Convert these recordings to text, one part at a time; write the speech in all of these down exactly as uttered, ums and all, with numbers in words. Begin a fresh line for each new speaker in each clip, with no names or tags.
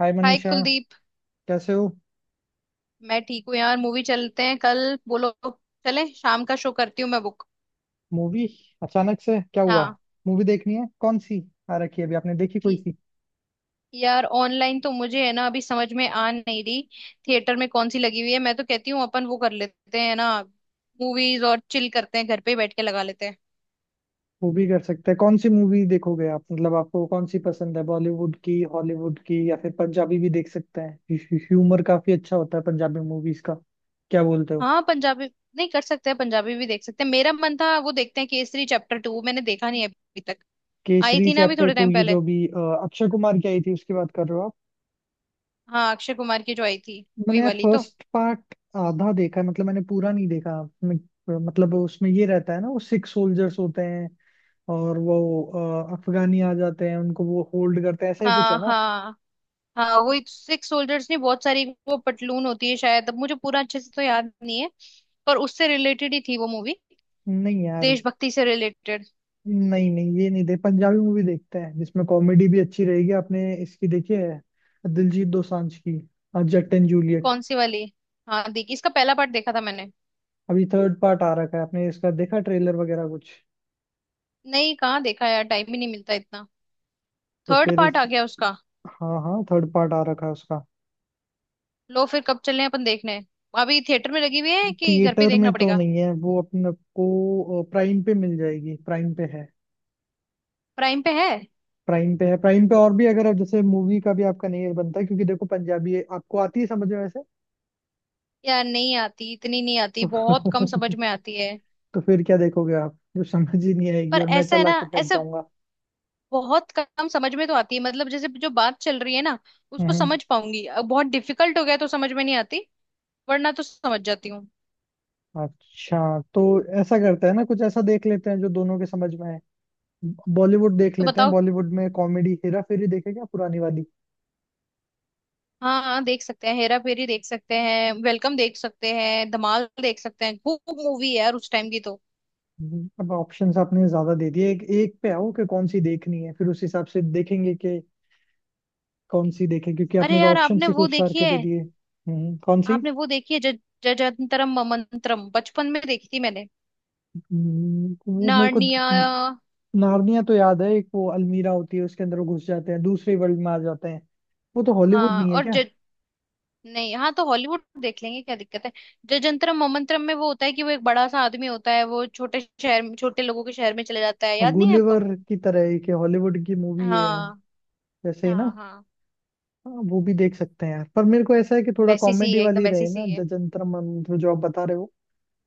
हाय
hi
Manisha,
Kuldeep.
कैसे हो?
मैं ठीक हूँ यार, मूवी चलते हैं कल। बोलो, चले? शाम का शो करती हूँ मैं बुक।
मूवी? अचानक से क्या हुआ?
हाँ।
मूवी देखनी है कौन सी आ रखी है अभी, आपने देखी कोई
ये-
सी?
यार ऑनलाइन तो मुझे है ना, अभी समझ में आ नहीं रही। थिएटर में कौन सी लगी हुई है? मैं तो कहती हूँ अपन वो कर लेते हैं ना, मूवीज और चिल करते हैं, घर पे ही बैठ के लगा लेते हैं।
मूवी कर सकते हैं। कौन सी मूवी देखोगे आप? मतलब आपको कौन सी पसंद है, बॉलीवुड की, हॉलीवुड की, या फिर पंजाबी भी देख सकते हैं। ह्यूमर काफी अच्छा होता है पंजाबी मूवीज का। क्या बोलते हो?
हाँ पंजाबी। नहीं, कर सकते हैं, पंजाबी भी देख सकते हैं। मेरा मन था वो देखते हैं केसरी चैप्टर टू, मैंने देखा नहीं अभी तक। आई
केसरी
थी ना अभी
चैप्टर
थोड़े
टू,
टाइम
ये
पहले।
जो भी अ, अक्षय कुमार की आई थी उसकी बात कर रहे हो आप?
हाँ, अक्षय कुमार की जो आई थी वही
मैंने यार
वाली तो।
फर्स्ट पार्ट आधा देखा है, मतलब मैंने पूरा नहीं देखा। मैं- मतलब उसमें ये रहता है ना, वो सिक्स सोल्जर्स होते हैं, और वो अ, अफगानी आ जाते हैं, उनको वो होल्ड करते हैं, ऐसा ही कुछ है
हाँ
ना।
हाँ। हाँ वो सिक्स सोल्जर्स नहीं, बहुत सारी वो पतलून होती है शायद, अब मुझे पूरा अच्छे से तो याद नहीं है। पर उससे रिलेटेड ही थी वो मूवी,
नहीं यार,
देशभक्ति से रिलेटेड।
नहीं नहीं ये नहीं। देख, पंजाबी मूवी देखते हैं जिसमें कॉमेडी भी अच्छी रहेगी। आपने इसकी देखी है, दिलजीत दोसांझ की अ, जट एंड जूलियट?
कौन सी वाली? हाँ देखी, इसका पहला पार्ट देखा था मैंने।
अभी थर्ड पार्ट आ रखा है, आपने इसका देखा ट्रेलर वगैरह कुछ?
नहीं, कहाँ देखा यार, टाइम ही नहीं मिलता इतना।
तो
थर्ड
फिर
पार्ट
इस...
आ गया उसका?
हाँ हाँ, थर्ड पार्ट आ रखा है उसका।
लो फिर, कब चले अपन देखने? अभी थिएटर में लगी हुई है कि घर पे ही
थिएटर
देखना
में तो
पड़ेगा?
नहीं है वो, अपने को प्राइम पे मिल जाएगी, प्राइम पे है।
प्राइम पे है।
प्राइम पे है, प्राइम पे, और भी अगर आप जैसे मूवी का भी आपका नहीं बनता है, क्योंकि देखो पंजाबी है, आपको आती है समझ में वैसे?
यार नहीं आती इतनी, नहीं आती,
तो
बहुत कम समझ में आती है।
तो फिर क्या देखोगे आप, जो समझ ही नहीं आएगी
पर
और मैं
ऐसा है
चला
ना,
के बैठ
ऐसा
जाऊंगा।
बहुत कम समझ में तो आती है, मतलब जैसे जो बात चल रही है ना उसको
हम्म।
समझ पाऊंगी। अब बहुत डिफिकल्ट हो गया तो समझ में नहीं आती, वरना तो समझ जाती हूँ।
अच्छा। तो ऐसा करते हैं ना, कुछ ऐसा देख लेते हैं जो दोनों के समझ में है। बॉलीवुड देख
तो
लेते हैं।
बताओ।
बॉलीवुड में कॉमेडी हेरा फेरी देखे क्या, पुरानी वाली?
हाँ हाँ, देख सकते हैं, हेरा फेरी देख सकते हैं, वेलकम देख सकते हैं, धमाल देख सकते हैं, खूब मूवी है यार उस टाइम की तो।
हम्म। अब ऑप्शंस आपने ज्यादा दे दिए, एक एक पे आओ कि कौन सी देखनी है, फिर उस हिसाब से देखेंगे कि कौन सी देखें, क्योंकि
अरे
आपने तो
यार,
ऑप्शन
आपने
ही
वो
खूब सार
देखी
के दे
है,
दिए। हम्म, कौन सी?
आपने वो देखी है ज जजंतरम ममंतरम, बचपन में देखी थी मैंने।
हम्म, वो मेरे को
नार्निया।
द- नार्निया तो याद है, एक वो अलमीरा होती है, उसके अंदर वो घुस जाते हैं, दूसरे वर्ल्ड में आ जाते हैं। वो तो हॉलीवुड
हाँ
नहीं है
और।
क्या?
नहीं, हाँ तो हॉलीवुड देख लेंगे, क्या दिक्कत है। जो जंतरम मोमंतरम में वो होता है कि वो एक बड़ा सा आदमी होता है, वो छोटे शहर में, छोटे लोगों के शहर में चले जाता है, याद नहीं है
गुलिवर
आपको?
की तरह एक हॉलीवुड की मूवी है,
हाँ
वैसे ही ना?
हाँ। हाँ
हाँ, वो भी देख सकते हैं यार, पर मेरे को ऐसा है कि थोड़ा
वैसी सी
कॉमेडी
है, एकदम
वाली
वैसी
रहे ना।
सी है।
जजंतर मंत्र जो आप बता रहे हो,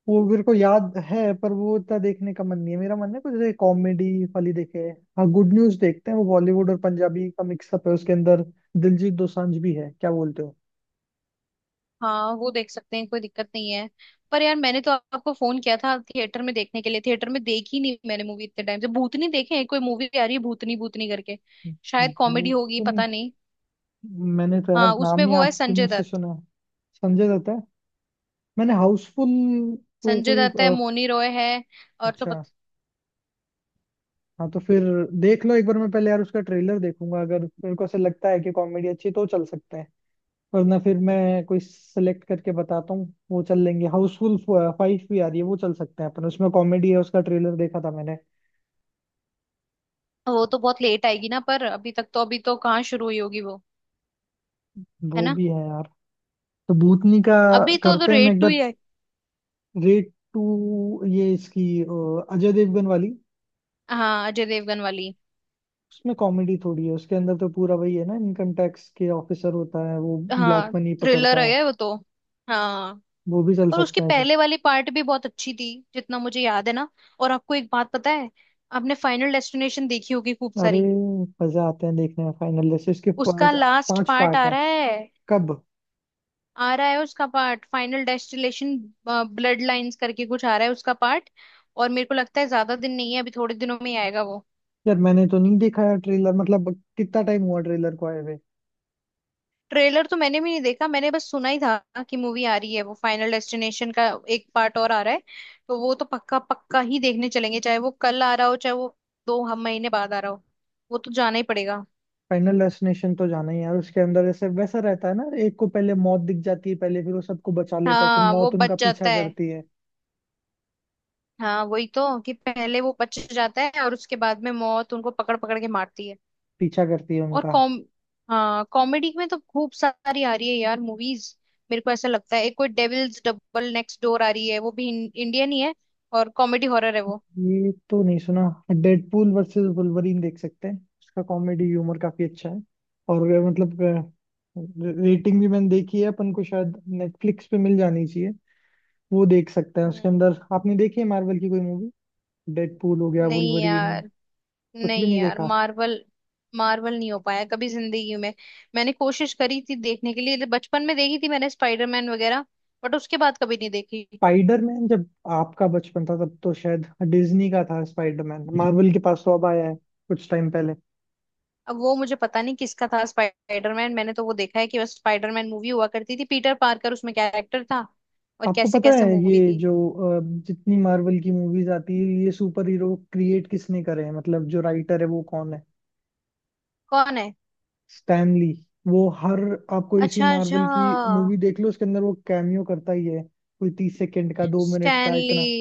वो मेरे को याद है, पर वो इतना देखने का मन नहीं है। मेरा मन है कुछ जैसे कॉमेडी वाली देखे। हाँ, गुड न्यूज देखते हैं, वो बॉलीवुड और पंजाबी का मिक्सअप है उसके अंदर। दिलजीत दोसांझ भी है, क्या बोलते हो?
हाँ वो देख सकते हैं, कोई दिक्कत नहीं है। पर यार मैंने तो आपको फोन किया था थिएटर में देखने के लिए, थिएटर में देखी नहीं मैंने मूवी इतने टाइम से। भूतनी देखे हैं, कोई मूवी आ रही है भूतनी भूतनी करके। शायद कॉमेडी
भूत
होगी,
तो नहीं।
पता नहीं।
मैंने तो यार
हाँ उसमें
नाम ही
वो है
आपके मुंह
संजय
से
दत्त।
सुना है। संजय दत्त है? मैंने हाउसफुल... तो
संजय
कोई
दत्त है,
अ,
मोनी रॉय है, और तो
अच्छा।
पता।
हाँ तो फिर देख लो एक बार। मैं पहले यार उसका ट्रेलर देखूंगा, अगर मेरे को ऐसा लगता है कि कॉमेडी अच्छी है, तो चल सकते हैं। वरना फिर मैं कोई सेलेक्ट करके बताता हूँ, वो चल लेंगे। हाउसफुल फाइव भी आ रही है, वो चल सकते हैं अपन, उसमें कॉमेडी है, उसका ट्रेलर देखा था मैंने।
वो तो बहुत लेट आएगी ना, पर अभी तक तो, अभी तो कहाँ शुरू हुई होगी वो। है
वो
ना।
भी है यार। तो भूतनी का
अभी तो तो
करते हैं, मैं
रेड
एक
टू
बार...
ही है।
रेट टू, ये इसकी अ, अजय देवगन वाली?
हाँ अजय देवगन वाली।
उसमें कॉमेडी थोड़ी है, उसके अंदर तो पूरा वही है ना, इनकम टैक्स के ऑफिसर होता है, वो ब्लैक
हाँ
मनी पकड़ता
थ्रिलर
है।
है वो तो। हाँ।
वो भी चल
और उसके
सकते हैं सब।
पहले वाली पार्ट भी बहुत अच्छी थी, जितना मुझे याद है ना। और आपको एक बात पता है, आपने फाइनल डेस्टिनेशन देखी होगी खूब
अरे,
सारी?
मजा आते हैं देखने में, फाइनल जैसे इसके
उसका
पांच
लास्ट
पांच
पार्ट
पार्ट
आ
हैं।
रहा है।
कब?
आ रहा है उसका part final destination, bloodlines करके कुछ आ रहा है उसका पार्ट। और मेरे को लगता है ज्यादा दिन नहीं है, अभी थोड़े दिनों में ही आएगा वो।
यार मैंने तो नहीं देखा यार ट्रेलर, मतलब कितना टाइम हुआ ट्रेलर को आए हुए?
ट्रेलर तो मैंने भी नहीं देखा, मैंने बस सुना ही था कि मूवी आ रही है वो, फाइनल डेस्टिनेशन का एक पार्ट और आ रहा है। तो वो तो पक्का पक्का ही देखने चलेंगे, चाहे वो कल आ रहा हो, चाहे वो दो हम महीने बाद आ रहा हो, वो तो जाना ही पड़ेगा।
फाइनल डेस्टिनेशन तो जाना ही है यार। उसके अंदर ऐसे वैसा रहता है ना, एक को पहले मौत दिख जाती है पहले, फिर वो सबको बचा लेता है, फिर
हाँ वो
मौत उनका
बच
पीछा
जाता है।
करती है,
हाँ वही तो, कि पहले वो बच जाता है और उसके बाद में मौत उनको पकड़ पकड़ के मारती है।
पीछा करती है
और
उनका।
कॉम हाँ कॉमेडी में तो खूब सारी आ रही है यार मूवीज। मेरे को ऐसा लगता है एक कोई डेविल्स डबल नेक्स्ट डोर आ रही है, वो भी इंडियन ही है, और कॉमेडी हॉरर है वो।
ये तो नहीं सुना। डेडपूल वर्सेस वुल्वरीन देख सकते हैं, उसका कॉमेडी ह्यूमर काफी अच्छा है, और अ, मतलब रेटिंग भी मैंने देखी है, अपन को शायद नेटफ्लिक्स पे मिल जानी चाहिए। वो देख सकते हैं। उसके
हम्म।
अंदर आपने देखी है मार्वल की कोई मूवी? डेडपूल हो गया,
नहीं
वुल्वरीन,
यार।
कुछ भी
नहीं
नहीं
यार,
देखा?
मार्वल, मार्वल नहीं हो पाया कभी जिंदगी में। मैंने कोशिश करी थी देखने के लिए, बचपन में देखी थी मैंने स्पाइडरमैन वगैरह, बट उसके बाद कभी नहीं देखी।
स्पाइडरमैन, जब आपका बचपन था तब तो शायद डिज्नी का था स्पाइडरमैन, मार्वल के पास तो अब आया है कुछ टाइम पहले।
अब वो मुझे पता नहीं किसका था स्पाइडरमैन, मैंने तो वो देखा है कि बस स्पाइडरमैन मूवी हुआ करती थी, पीटर पार्कर उसमें कैरेक्टर था और
आपको
कैसे
पता
कैसे
है,
मूवी
ये
थी।
जो अ, जितनी मार्वल की मूवीज आती है, ये सुपर हीरो क्रिएट किसने करे हैं, मतलब जो राइटर है वो कौन है?
कौन है?
स्टैनली। वो हर... आपको इसी
अच्छा अच्छा।
मार्वल की मूवी देख लो, उसके अंदर वो कैमियो करता ही है, कोई तीस सेकंड का, दो मिनट का,
स्टैनली।
इतना।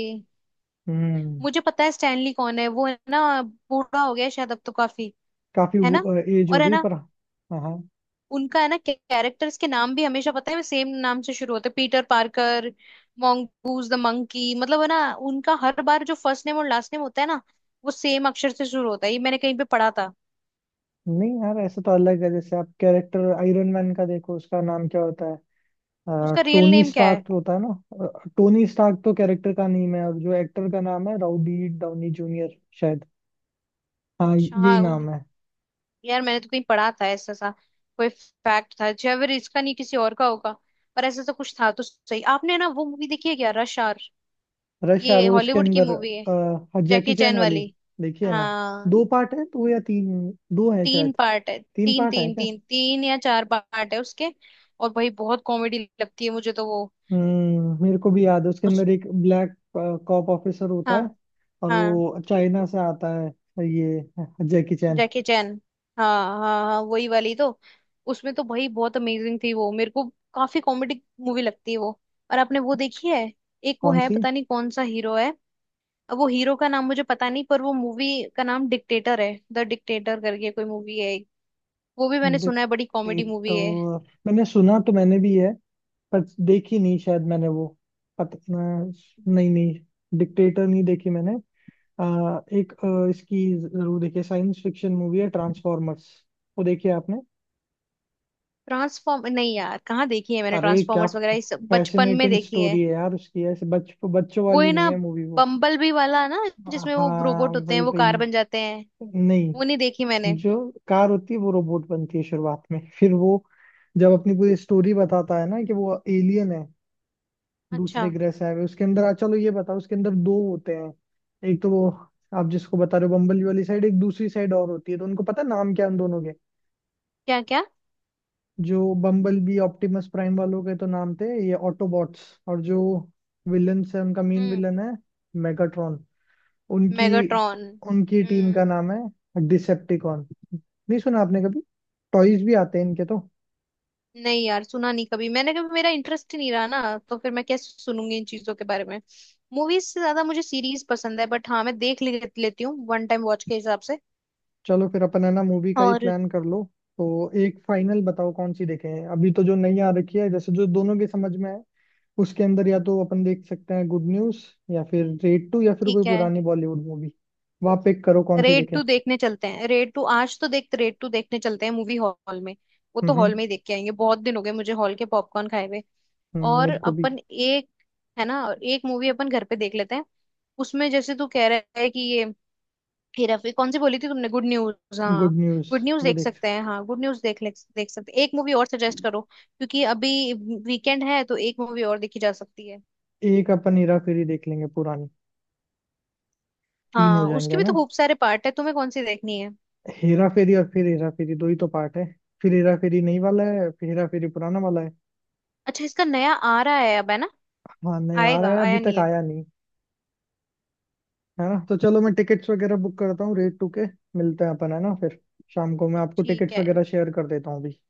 हम्म।
मुझे पता है स्टैनली कौन है, वो है ना बूढ़ा हो गया है शायद अब तो काफी।
काफी
है ना?
एज हो
और है
गई,
ना,
पर हाँ हाँ।
उनका है ना कैरेक्टर्स के नाम भी हमेशा पता है सेम नाम से शुरू होते हैं, Peter Parker, mongoose the monkey, मतलब है ना, उनका हर बार जो फर्स्ट नेम और लास्ट नेम होता है ना, वो सेम अक्षर से शुरू होता है, ये मैंने कहीं पे पढ़ा था।
नहीं यार, ऐसा तो अलग है, जैसे आप कैरेक्टर आयरन मैन का देखो, उसका नाम क्या होता है? अ,
उसका रियल
टोनी
नेम क्या है?
स्टार्क तो होता है ना? अ, टोनी स्टार्क तो कैरेक्टर का नेम है, और जो एक्टर का नाम है रॉबर्ट डाउनी जूनियर शायद। हाँ, यही
अच्छा। उ-
नाम है।
यार मैंने तो कहीं पढ़ा था ऐसा सा, कोई फैक्ट था, जो अगर इसका नहीं किसी और का होगा, पर ऐसा तो कुछ था तो सही। आपने ना वो मूवी देखी है क्या, रश आवर?
रश आवर,
ये
उसके
हॉलीवुड की
अंदर
मूवी है,
अ, जैकी
जैकी
चैन
चैन
वाली?
वाली।
देखिए ना,
हाँ।
दो पार्ट है, दो या तीन, दो है
तीन
शायद।
पार्ट है।
तीन
तीन
पार्ट है
तीन
क्या?
तीन तीन या चार पार्ट है उसके, और भाई बहुत कॉमेडी लगती है मुझे तो वो।
हम्म, मेरे को भी याद है। उसके
उस
अंदर एक ब्लैक कॉप ऑफिसर होता
हाँ
है, और
हाँ।
वो चाइना से आता है, ये जैकी चैन।
Jackie Chan. हाँ हाँ हाँ वही वाली तो। उसमें तो भाई बहुत अमेजिंग थी वो मेरे को, काफी कॉमेडी मूवी लगती है वो। और आपने वो देखी है, एक वो
कौन
है,
सी?
पता नहीं कौन सा हीरो है, अब वो हीरो का नाम मुझे पता नहीं, पर वो मूवी का नाम डिक्टेटर है, द डिक्टेटर करके कोई मूवी है एक। वो भी मैंने सुना है बड़ी कॉमेडी मूवी है।
डिक्टेटर, मैंने सुना तो मैंने भी है, पर देखी नहीं शायद मैंने वो, पता नहीं, नहीं, डिक्टेटर नहीं देखी मैंने। आ, एक अ, इसकी जरूर देखिए, साइंस फिक्शन मूवी है, ट्रांसफॉर्मर्स। वो देखी है आपने?
ट्रांसफॉर्म नहीं यार, कहाँ देखी है मैंने
अरे क्या
ट्रांसफॉर्मर्स वगैरह, ये सब बचपन में
फैसिनेटिंग
देखी है।
स्टोरी है यार उसकी, ऐसे बच बच्चों
वो
वाली
है ना
नहीं है मूवी वो।
बम्बल बी वाला ना, जिसमें वो
हाँ
रोबोट होते हैं
वही
वो
वही।
कार बन जाते हैं,
नहीं,
वो नहीं देखी मैंने।
जो कार होती है वो रोबोट बनती है शुरुआत में, फिर वो जब अपनी पूरी स्टोरी बताता है ना कि वो एलियन है, दूसरे
अच्छा।
ग्रह से आए हुए। उसके अंदर चलो ये बताओ, उसके अंदर दो होते हैं, एक तो वो आप जिसको बता रहे हो बम्बल वाली साइड, एक दूसरी साइड और होती है, तो उनको पता नाम क्या है उन दोनों के?
क्या क्या?
जो बम्बल बी, ऑप्टिमस प्राइम वालों के तो नाम थे ये ऑटोबॉट्स, और जो विलन्स है उनका मेन
हम्म।
विलन है मेगाट्रॉन। उनकी...
मेगाट्रॉन।
उनकी टीम का
हम्म।
नाम है डिसेप्टिकॉन। नहीं सुना आपने कभी? टॉयज भी आते हैं इनके तो।
नहीं यार, सुना नहीं कभी मैंने, कभी मेरा इंटरेस्ट ही नहीं रहा ना, तो फिर मैं क्या सुनूंगी इन चीजों के बारे में। मूवीज से ज्यादा मुझे सीरीज पसंद है, बट हाँ मैं देख ले, लेती हूँ वन टाइम वॉच के हिसाब से।
चलो फिर अपन है ना, मूवी का ही
और।
प्लान कर लो। तो एक फाइनल बताओ कौन सी देखें, अभी तो जो नई आ रखी है, जैसे जो दोनों के समझ में है उसके अंदर, या तो अपन देख सकते हैं गुड न्यूज, या फिर रेड टू, या फिर कोई
ठीक है,
पुरानी बॉलीवुड मूवी। वहाँ पिक करो कौन सी
रेड
देखें।
टू देखने चलते हैं, रेड टू आज तो देख, रेड टू देखने चलते हैं मूवी हॉल में। वो
हम्म
तो हॉल
हम्म।
में ही देख के आएंगे, बहुत दिन हो गए मुझे हॉल के पॉपकॉर्न खाए हुए।
हम्म,
और
मेरे को भी।
अपन एक, है ना, एक मूवी अपन घर पे देख लेते हैं, उसमें जैसे तू कह रहा है कि ये हेरा फेरी, कौन सी बोली थी तुमने, गुड न्यूज हाँ।
गुड न्यूज
गुड न्यूज
वो
देख
देख
सकते हैं, हाँ गुड न्यूज देख ले, देख सकते हैं। एक मूवी और सजेस्ट करो, क्योंकि अभी वीकेंड है तो एक मूवी और देखी जा सकती है।
सकते। एक अपन हेरा फेरी देख लेंगे पुरानी, तीन हो
हाँ
जाएंगे
उसके
है
भी तो
ना?
खूब सारे पार्ट है, तुम्हें कौन सी देखनी है?
हेरा फेरी, और फिर हेरा फेरी, दो ही तो पार्ट है, फिर हेरा फेरी नई वाला है, फिर हेरा फेरी पुराना वाला है।
अच्छा, इसका नया आ रहा है अब, है ना।
हाँ नया आ रहा
आएगा,
है, अभी
आया नहीं
तक
है।
आया नहीं। है ना? तो चलो मैं टिकट्स वगैरह बुक करता हूँ रेट टू के। मिलते हैं अपन, है ना? फिर शाम को मैं आपको
ठीक
टिकट्स
है।
वगैरह शेयर कर देता हूँ अभी।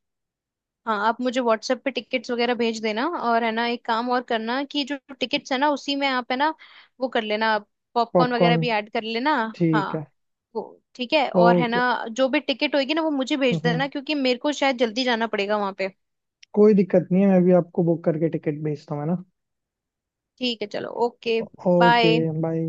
हाँ आप मुझे व्हाट्सएप पे टिकट्स वगैरह भेज देना, और है ना एक काम और करना, कि जो टिकट्स है ना, उसी में आप है ना वो कर लेना, पॉपकॉर्न वगैरह
पॉपकॉर्न,
भी ऐड कर लेना।
ठीक
हाँ
है।
वो ठीक है। और है
ओके।
ना जो भी टिकट होगी ना वो मुझे
हम्म
भेज
हम्म,
देना, क्योंकि मेरे को शायद जल्दी जाना पड़ेगा वहां पे।
कोई दिक्कत नहीं है, मैं भी आपको बुक करके टिकट भेजता हूँ, है ना?
ठीक है, चलो ओके।
ओके।
बाय।
बाय।